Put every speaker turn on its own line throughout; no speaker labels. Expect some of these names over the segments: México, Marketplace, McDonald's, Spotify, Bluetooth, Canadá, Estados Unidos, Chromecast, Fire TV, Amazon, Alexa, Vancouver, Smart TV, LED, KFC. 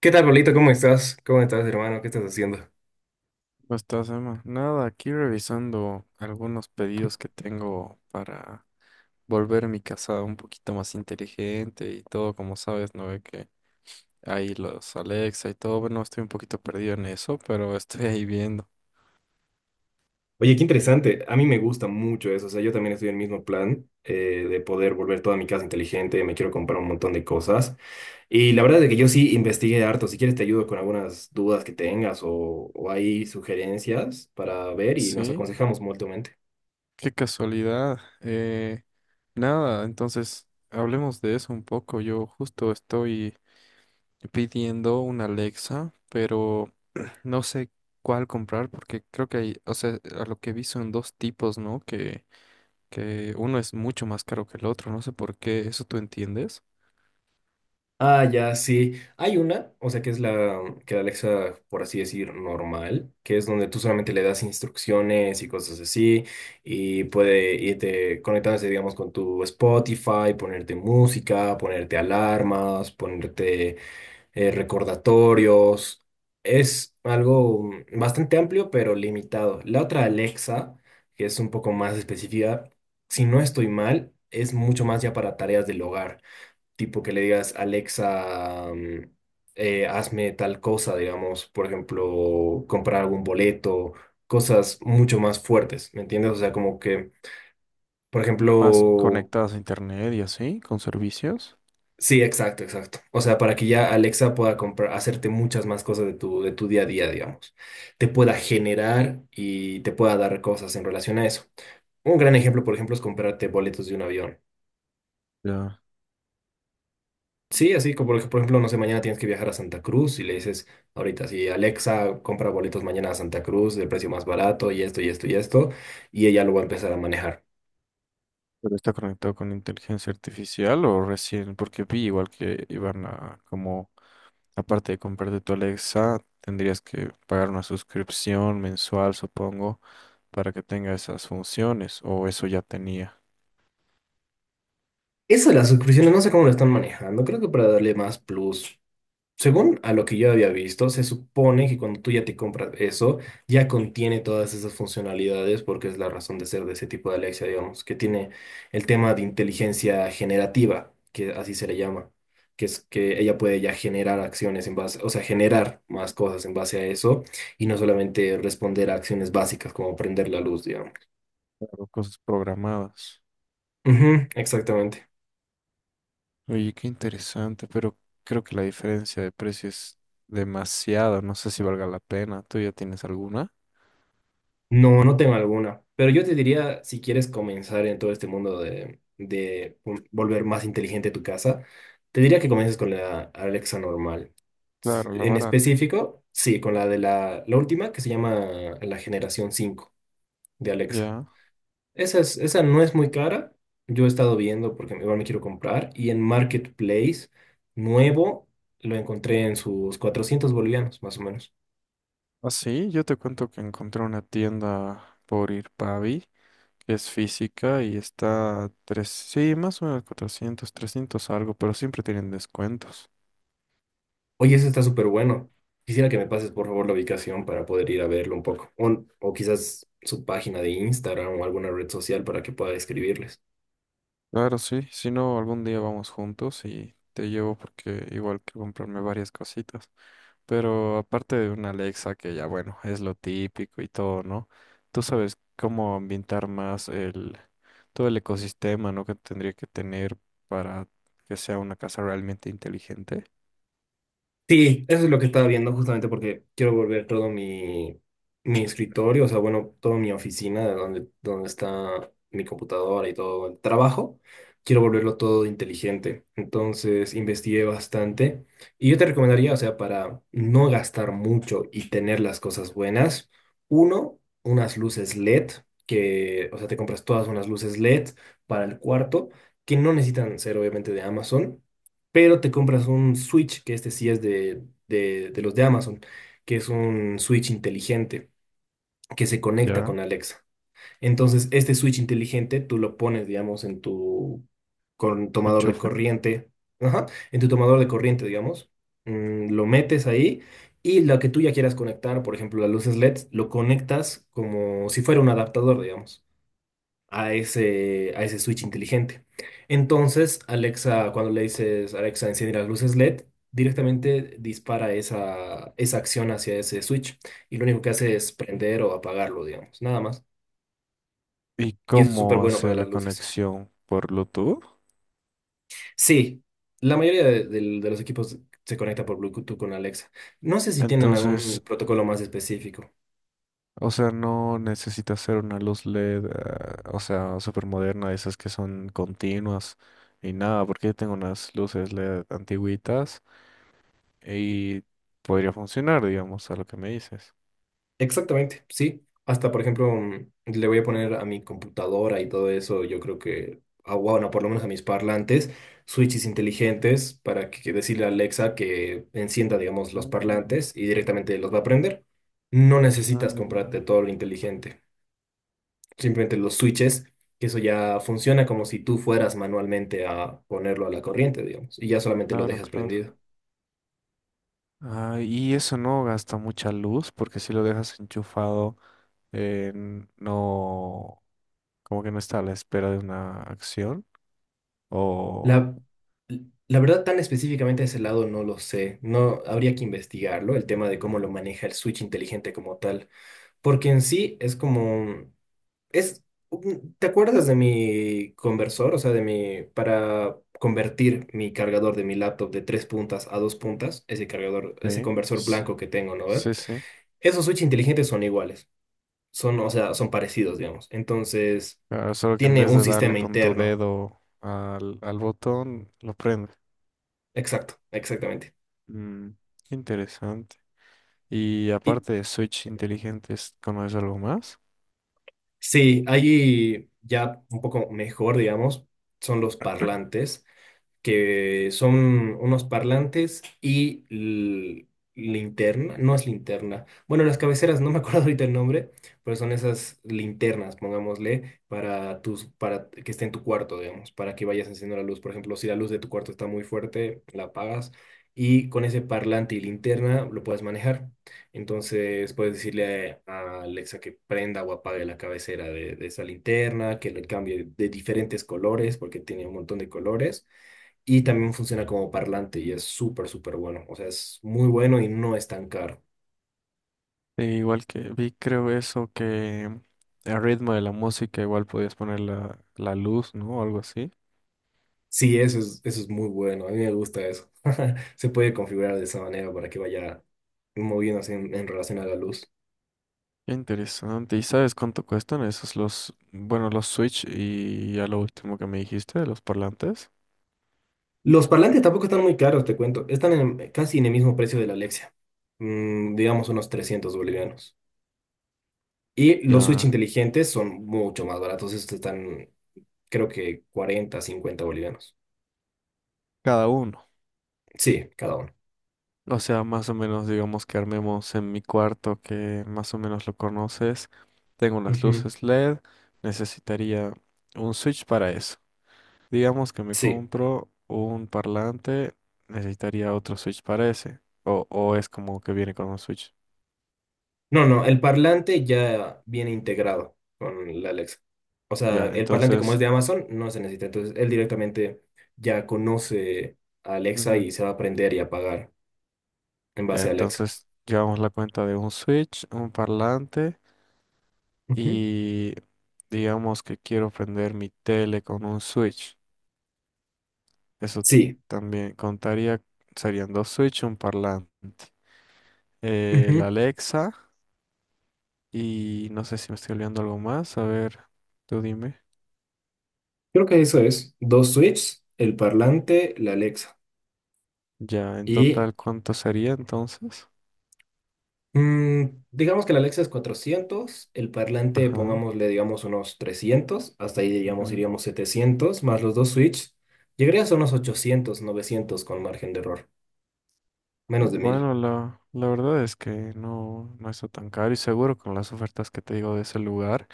¿Qué tal, Pablito? ¿Cómo estás? ¿Cómo estás, hermano? ¿Qué estás haciendo?
¿Cómo estás, Emma? Nada, aquí revisando algunos pedidos que tengo para volver mi casa un poquito más inteligente y todo, como sabes, no ve que hay los Alexa y todo. Bueno, estoy un poquito perdido en eso, pero estoy ahí viendo.
Oye, qué interesante. A mí me gusta mucho eso. O sea, yo también estoy en el mismo plan de poder volver toda mi casa inteligente. Me quiero comprar un montón de cosas. Y la verdad es que yo sí investigué harto. Si quieres, te ayudo con algunas dudas que tengas o hay sugerencias para ver y nos
Sí,
aconsejamos mutuamente.
qué casualidad. Nada, entonces hablemos de eso un poco. Yo justo estoy pidiendo una Alexa, pero no sé cuál comprar porque creo que hay, o sea, a lo que vi son dos tipos, ¿no? Que uno es mucho más caro que el otro, no sé por qué, ¿eso tú entiendes?
Ah, ya, sí. Hay una, o sea, que es la que la Alexa, por así decir, normal, que es donde tú solamente le das instrucciones y cosas así, y puede irte conectándose, digamos, con tu Spotify, ponerte música, ponerte alarmas, ponerte recordatorios. Es algo bastante amplio, pero limitado. La otra Alexa, que es un poco más específica, si no estoy mal, es mucho más ya para tareas del hogar tipo que le digas, Alexa, hazme tal cosa, digamos, por ejemplo, comprar algún boleto, cosas mucho más fuertes, ¿me entiendes? O sea, como que, por
Más
ejemplo,
conectadas a internet y así, con servicios.
sí, exacto, exacto. O sea, para que ya Alexa pueda comprar, hacerte muchas más cosas de tu día a día, digamos. Te pueda generar y te pueda dar cosas en relación a eso. Un gran ejemplo, por ejemplo, es comprarte boletos de un avión.
Ya.
Sí, así como por ejemplo, no sé, mañana tienes que viajar a Santa Cruz y le dices ahorita, sí, Alexa, compra boletos mañana a Santa Cruz del precio más barato y esto y esto y esto, y ella lo va a empezar a manejar.
¿Pero está conectado con inteligencia artificial o recién? Porque vi igual que iban a, como, aparte de comprarte tu Alexa, tendrías que pagar una suscripción mensual, supongo, para que tenga esas funciones, o eso ya tenía,
Eso de las suscripciones, no sé cómo lo están manejando, creo que para darle más plus. Según a lo que yo había visto, se supone que cuando tú ya te compras eso, ya contiene todas esas funcionalidades porque es la razón de ser de ese tipo de Alexa, digamos, que tiene el tema de inteligencia generativa, que así se le llama, que es que ella puede ya generar acciones en base, o sea, generar más cosas en base a eso y no solamente responder a acciones básicas como prender la luz, digamos.
claro, cosas programadas.
Ujú, exactamente.
Oye, qué interesante, pero creo que la diferencia de precio es demasiada. No sé si valga la pena. ¿Tú ya tienes alguna?
No, no tengo alguna. Pero yo te diría, si quieres comenzar en todo este mundo de volver más inteligente tu casa, te diría que comiences con la Alexa normal.
Claro, la
En
barata.
específico, sí, con la de la última que se llama la generación 5 de Alexa.
Ya.
Esa no es muy cara. Yo he estado viendo porque igual me quiero comprar. Y en Marketplace, nuevo, lo encontré en sus 400 bolivianos, más o menos.
Ah, sí, yo te cuento que encontré una tienda por Irpavi, que es física y está a tres, sí, más o menos 400, 300 algo, pero siempre tienen descuentos.
Oye, eso está súper bueno. Quisiera que me pases, por favor, la ubicación para poder ir a verlo un poco. O quizás su página de Instagram o alguna red social para que pueda escribirles.
Claro, sí. Si no, algún día vamos juntos y te llevo porque igual quiero comprarme varias cositas. Pero aparte de una Alexa, que ya bueno, es lo típico y todo, ¿no? Tú sabes cómo ambientar más el, todo el ecosistema, ¿no? Que tendría que tener para que sea una casa realmente inteligente.
Sí, eso es lo que estaba viendo justamente porque quiero volver todo mi escritorio, o sea, bueno, toda mi oficina, de donde está mi computadora y todo el trabajo, quiero volverlo todo inteligente. Entonces, investigué bastante y yo te recomendaría, o sea, para no gastar mucho y tener las cosas buenas, uno, unas luces LED, que, o sea, te compras todas unas luces LED para el cuarto, que no necesitan ser obviamente de Amazon, pero te compras un Switch, que este sí es de los de Amazon, que es un Switch inteligente que se conecta
¿Ya?
con Alexa. Entonces, este Switch inteligente tú lo pones, digamos, en tu tomador de
Enchufe.
corriente, ajá, en tu tomador de corriente, digamos, lo metes ahí y lo que tú ya quieras conectar, por ejemplo, las luces LED, lo conectas como si fuera un adaptador, digamos, a ese switch inteligente. Entonces, Alexa, cuando le dices Alexa, enciende las luces LED, directamente dispara esa acción hacia ese switch, y lo único que hace es prender o apagarlo, digamos, nada más.
¿Y
Y eso es súper
cómo
bueno para
hace la
las luces.
conexión por Bluetooth?
Sí, la mayoría de los equipos se conecta por Bluetooth con Alexa. No sé si tienen algún
Entonces,
protocolo más específico.
o sea, no necesita ser una luz LED, o sea, súper moderna, esas que son continuas y nada, porque yo tengo unas luces LED antiguitas y podría funcionar, digamos, a lo que me dices.
Exactamente, sí. Hasta, por ejemplo, le voy a poner a mi computadora y todo eso, yo creo que, ah, bueno, por lo menos a mis parlantes, switches inteligentes para que decirle a Alexa que encienda, digamos,
Ah,
los parlantes, y directamente los va a prender. No
ah,
necesitas
ya.
comprarte todo lo inteligente, simplemente los switches, que eso ya funciona como si tú fueras manualmente a ponerlo a la corriente, digamos, y ya solamente lo
Claro,
dejas
claro.
prendido.
Ah, y eso no gasta mucha luz porque si lo dejas enchufado, no, como que no está a la espera de una acción. O...
La, la verdad, tan específicamente de ese lado no lo sé. No habría que investigarlo, el tema de cómo lo maneja el switch inteligente como tal. Porque en sí es como. Es, ¿Te acuerdas de mi conversor? O sea, de mi. Para convertir mi cargador de mi laptop de tres puntas a dos puntas, ese cargador, ese
Sí,
conversor blanco que tengo, ¿no?, ¿ve?
sí, sí.
Esos switch inteligentes son iguales. Son, o sea, son parecidos, digamos. Entonces,
Ah, solo que en
tiene
vez
un
de darle
sistema
con tu
interno.
dedo al, al botón, lo prende.
Exacto, exactamente.
Mm, interesante. Y
Y
aparte de Switch inteligentes, ¿conoces algo más?
sí, ahí ya un poco mejor, digamos, son los parlantes, que son unos parlantes y linterna, no es linterna. Bueno, las cabeceras, no me acuerdo ahorita el nombre, pero son esas linternas, pongámosle, para tus, para que esté en tu cuarto, digamos, para que vayas encendiendo la luz. Por ejemplo, si la luz de tu cuarto está muy fuerte, la apagas y con ese parlante y linterna lo puedes manejar. Entonces puedes decirle a Alexa que prenda o apague la cabecera de esa linterna, que le cambie de diferentes colores, porque tiene un montón de colores y también funciona como parlante, y es súper, súper bueno. O sea, es muy bueno y no es tan caro.
Sí, igual que vi, creo eso, que el ritmo de la música igual podías poner la, la luz, ¿no? Algo así.
Sí, eso es muy bueno. A mí me gusta eso. Se puede configurar de esa manera para que vaya moviéndose en relación a la luz.
Qué interesante. ¿Y sabes cuánto cuestan esos los, bueno, los Switch y ya lo último que me dijiste de los parlantes?
Los parlantes tampoco están muy caros, te cuento. Están casi en el mismo precio de la Alexia. Digamos, unos 300 bolivianos. Y los Switch
Ya,
inteligentes son mucho más baratos. Estos están, creo que, 40 50 bolivianos.
cada uno.
Sí, cada uno.
O sea, más o menos digamos que armemos en mi cuarto que más o menos lo conoces. Tengo unas
Ujú.
luces LED. Necesitaría un Switch para eso. Digamos que me
Sí.
compro un parlante, necesitaría otro Switch para ese. O es como que viene con un Switch.
No, no, el parlante ya viene integrado con la Alexa. O sea,
Ya,
el parlante, como es
entonces,
de Amazon, no se necesita. Entonces, él directamente ya conoce a Alexa
ujú,
y se va a aprender y apagar en
ya,
base a Alexa.
entonces llevamos la cuenta de un Switch, un parlante
Ujú.
y digamos que quiero prender mi tele con un Switch. Eso
Sí,
también contaría, serían dos Switch, un parlante. La
ujú.
Alexa y no sé si me estoy olvidando algo más. A ver, tú dime.
Creo que eso es. Dos switches, el parlante, la Alexa.
Ya, en
Y
total, ¿cuánto sería entonces?
mm, digamos que la Alexa es 400, el parlante
Ajá.
pongámosle, digamos, unos 300. Hasta ahí, digamos,
Ujú.
iríamos 700, más los dos switches. Llegaría a unos 800, 900, con margen de error. Menos de 1.000.
Bueno, la verdad es que no, no está tan caro y seguro con las ofertas que te digo de ese lugar,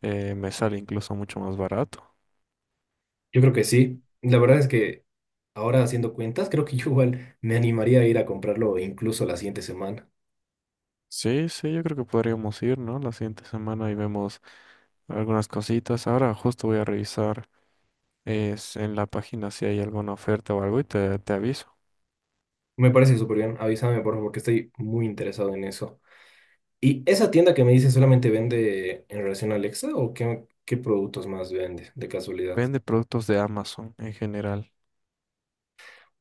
me sale incluso mucho más barato.
Yo creo que sí. La verdad es que ahora, haciendo cuentas, creo que yo igual me animaría a ir a comprarlo incluso la siguiente semana.
Sí, sí, yo creo que podríamos ir, ¿no? La siguiente semana y vemos algunas cositas. Ahora justo voy a revisar es, en la página si hay alguna oferta o algo y te aviso.
Me parece súper bien. Avísame, por favor, que estoy muy interesado en eso. ¿Y esa tienda que me dices solamente vende en relación a Alexa, o qué productos más vende, de casualidad?
Vende productos de Amazon en general.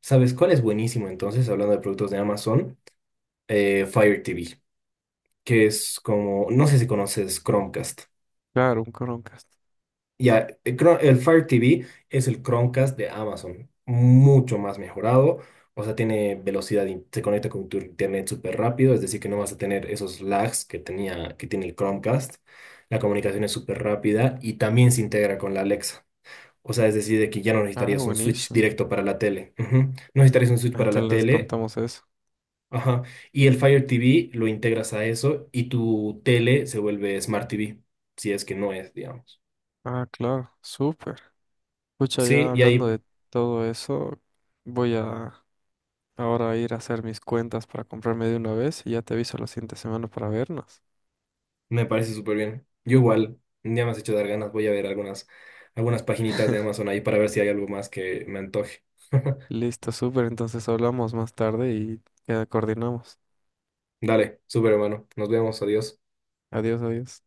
¿Sabes cuál es buenísimo entonces, hablando de productos de Amazon? Fire TV, que es como, no sé si conoces Chromecast.
Claro, un Chromecast.
Ya, el Fire TV es el Chromecast de Amazon, mucho más mejorado, o sea, tiene velocidad, se conecta con tu internet súper rápido, es decir, que no vas a tener esos lags que tenía, que tiene el Chromecast, la comunicación es súper rápida y también se integra con la Alexa, o sea, es decir, de que ya no
Ah,
necesitarías un switch
buenísimo.
directo para la tele. Ujú. No necesitarías un switch para la
Entonces les
tele,
contamos eso.
ajá, y el Fire TV lo integras a eso y tu tele se vuelve Smart TV, si es que no es, digamos.
Ah, claro, súper. Pucha,
Sí,
ya
y
hablando
ahí.
de todo eso, voy a ahora a ir a hacer mis cuentas para comprarme de una vez y ya te aviso la siguiente semana para vernos.
Me parece súper bien. Yo igual, ya me has hecho dar ganas, voy a ver algunas paginitas de Amazon ahí para ver si hay algo más que me antoje.
Listo, súper, entonces hablamos más tarde y ya coordinamos.
Dale, súper hermano, nos vemos, adiós.
Adiós, adiós.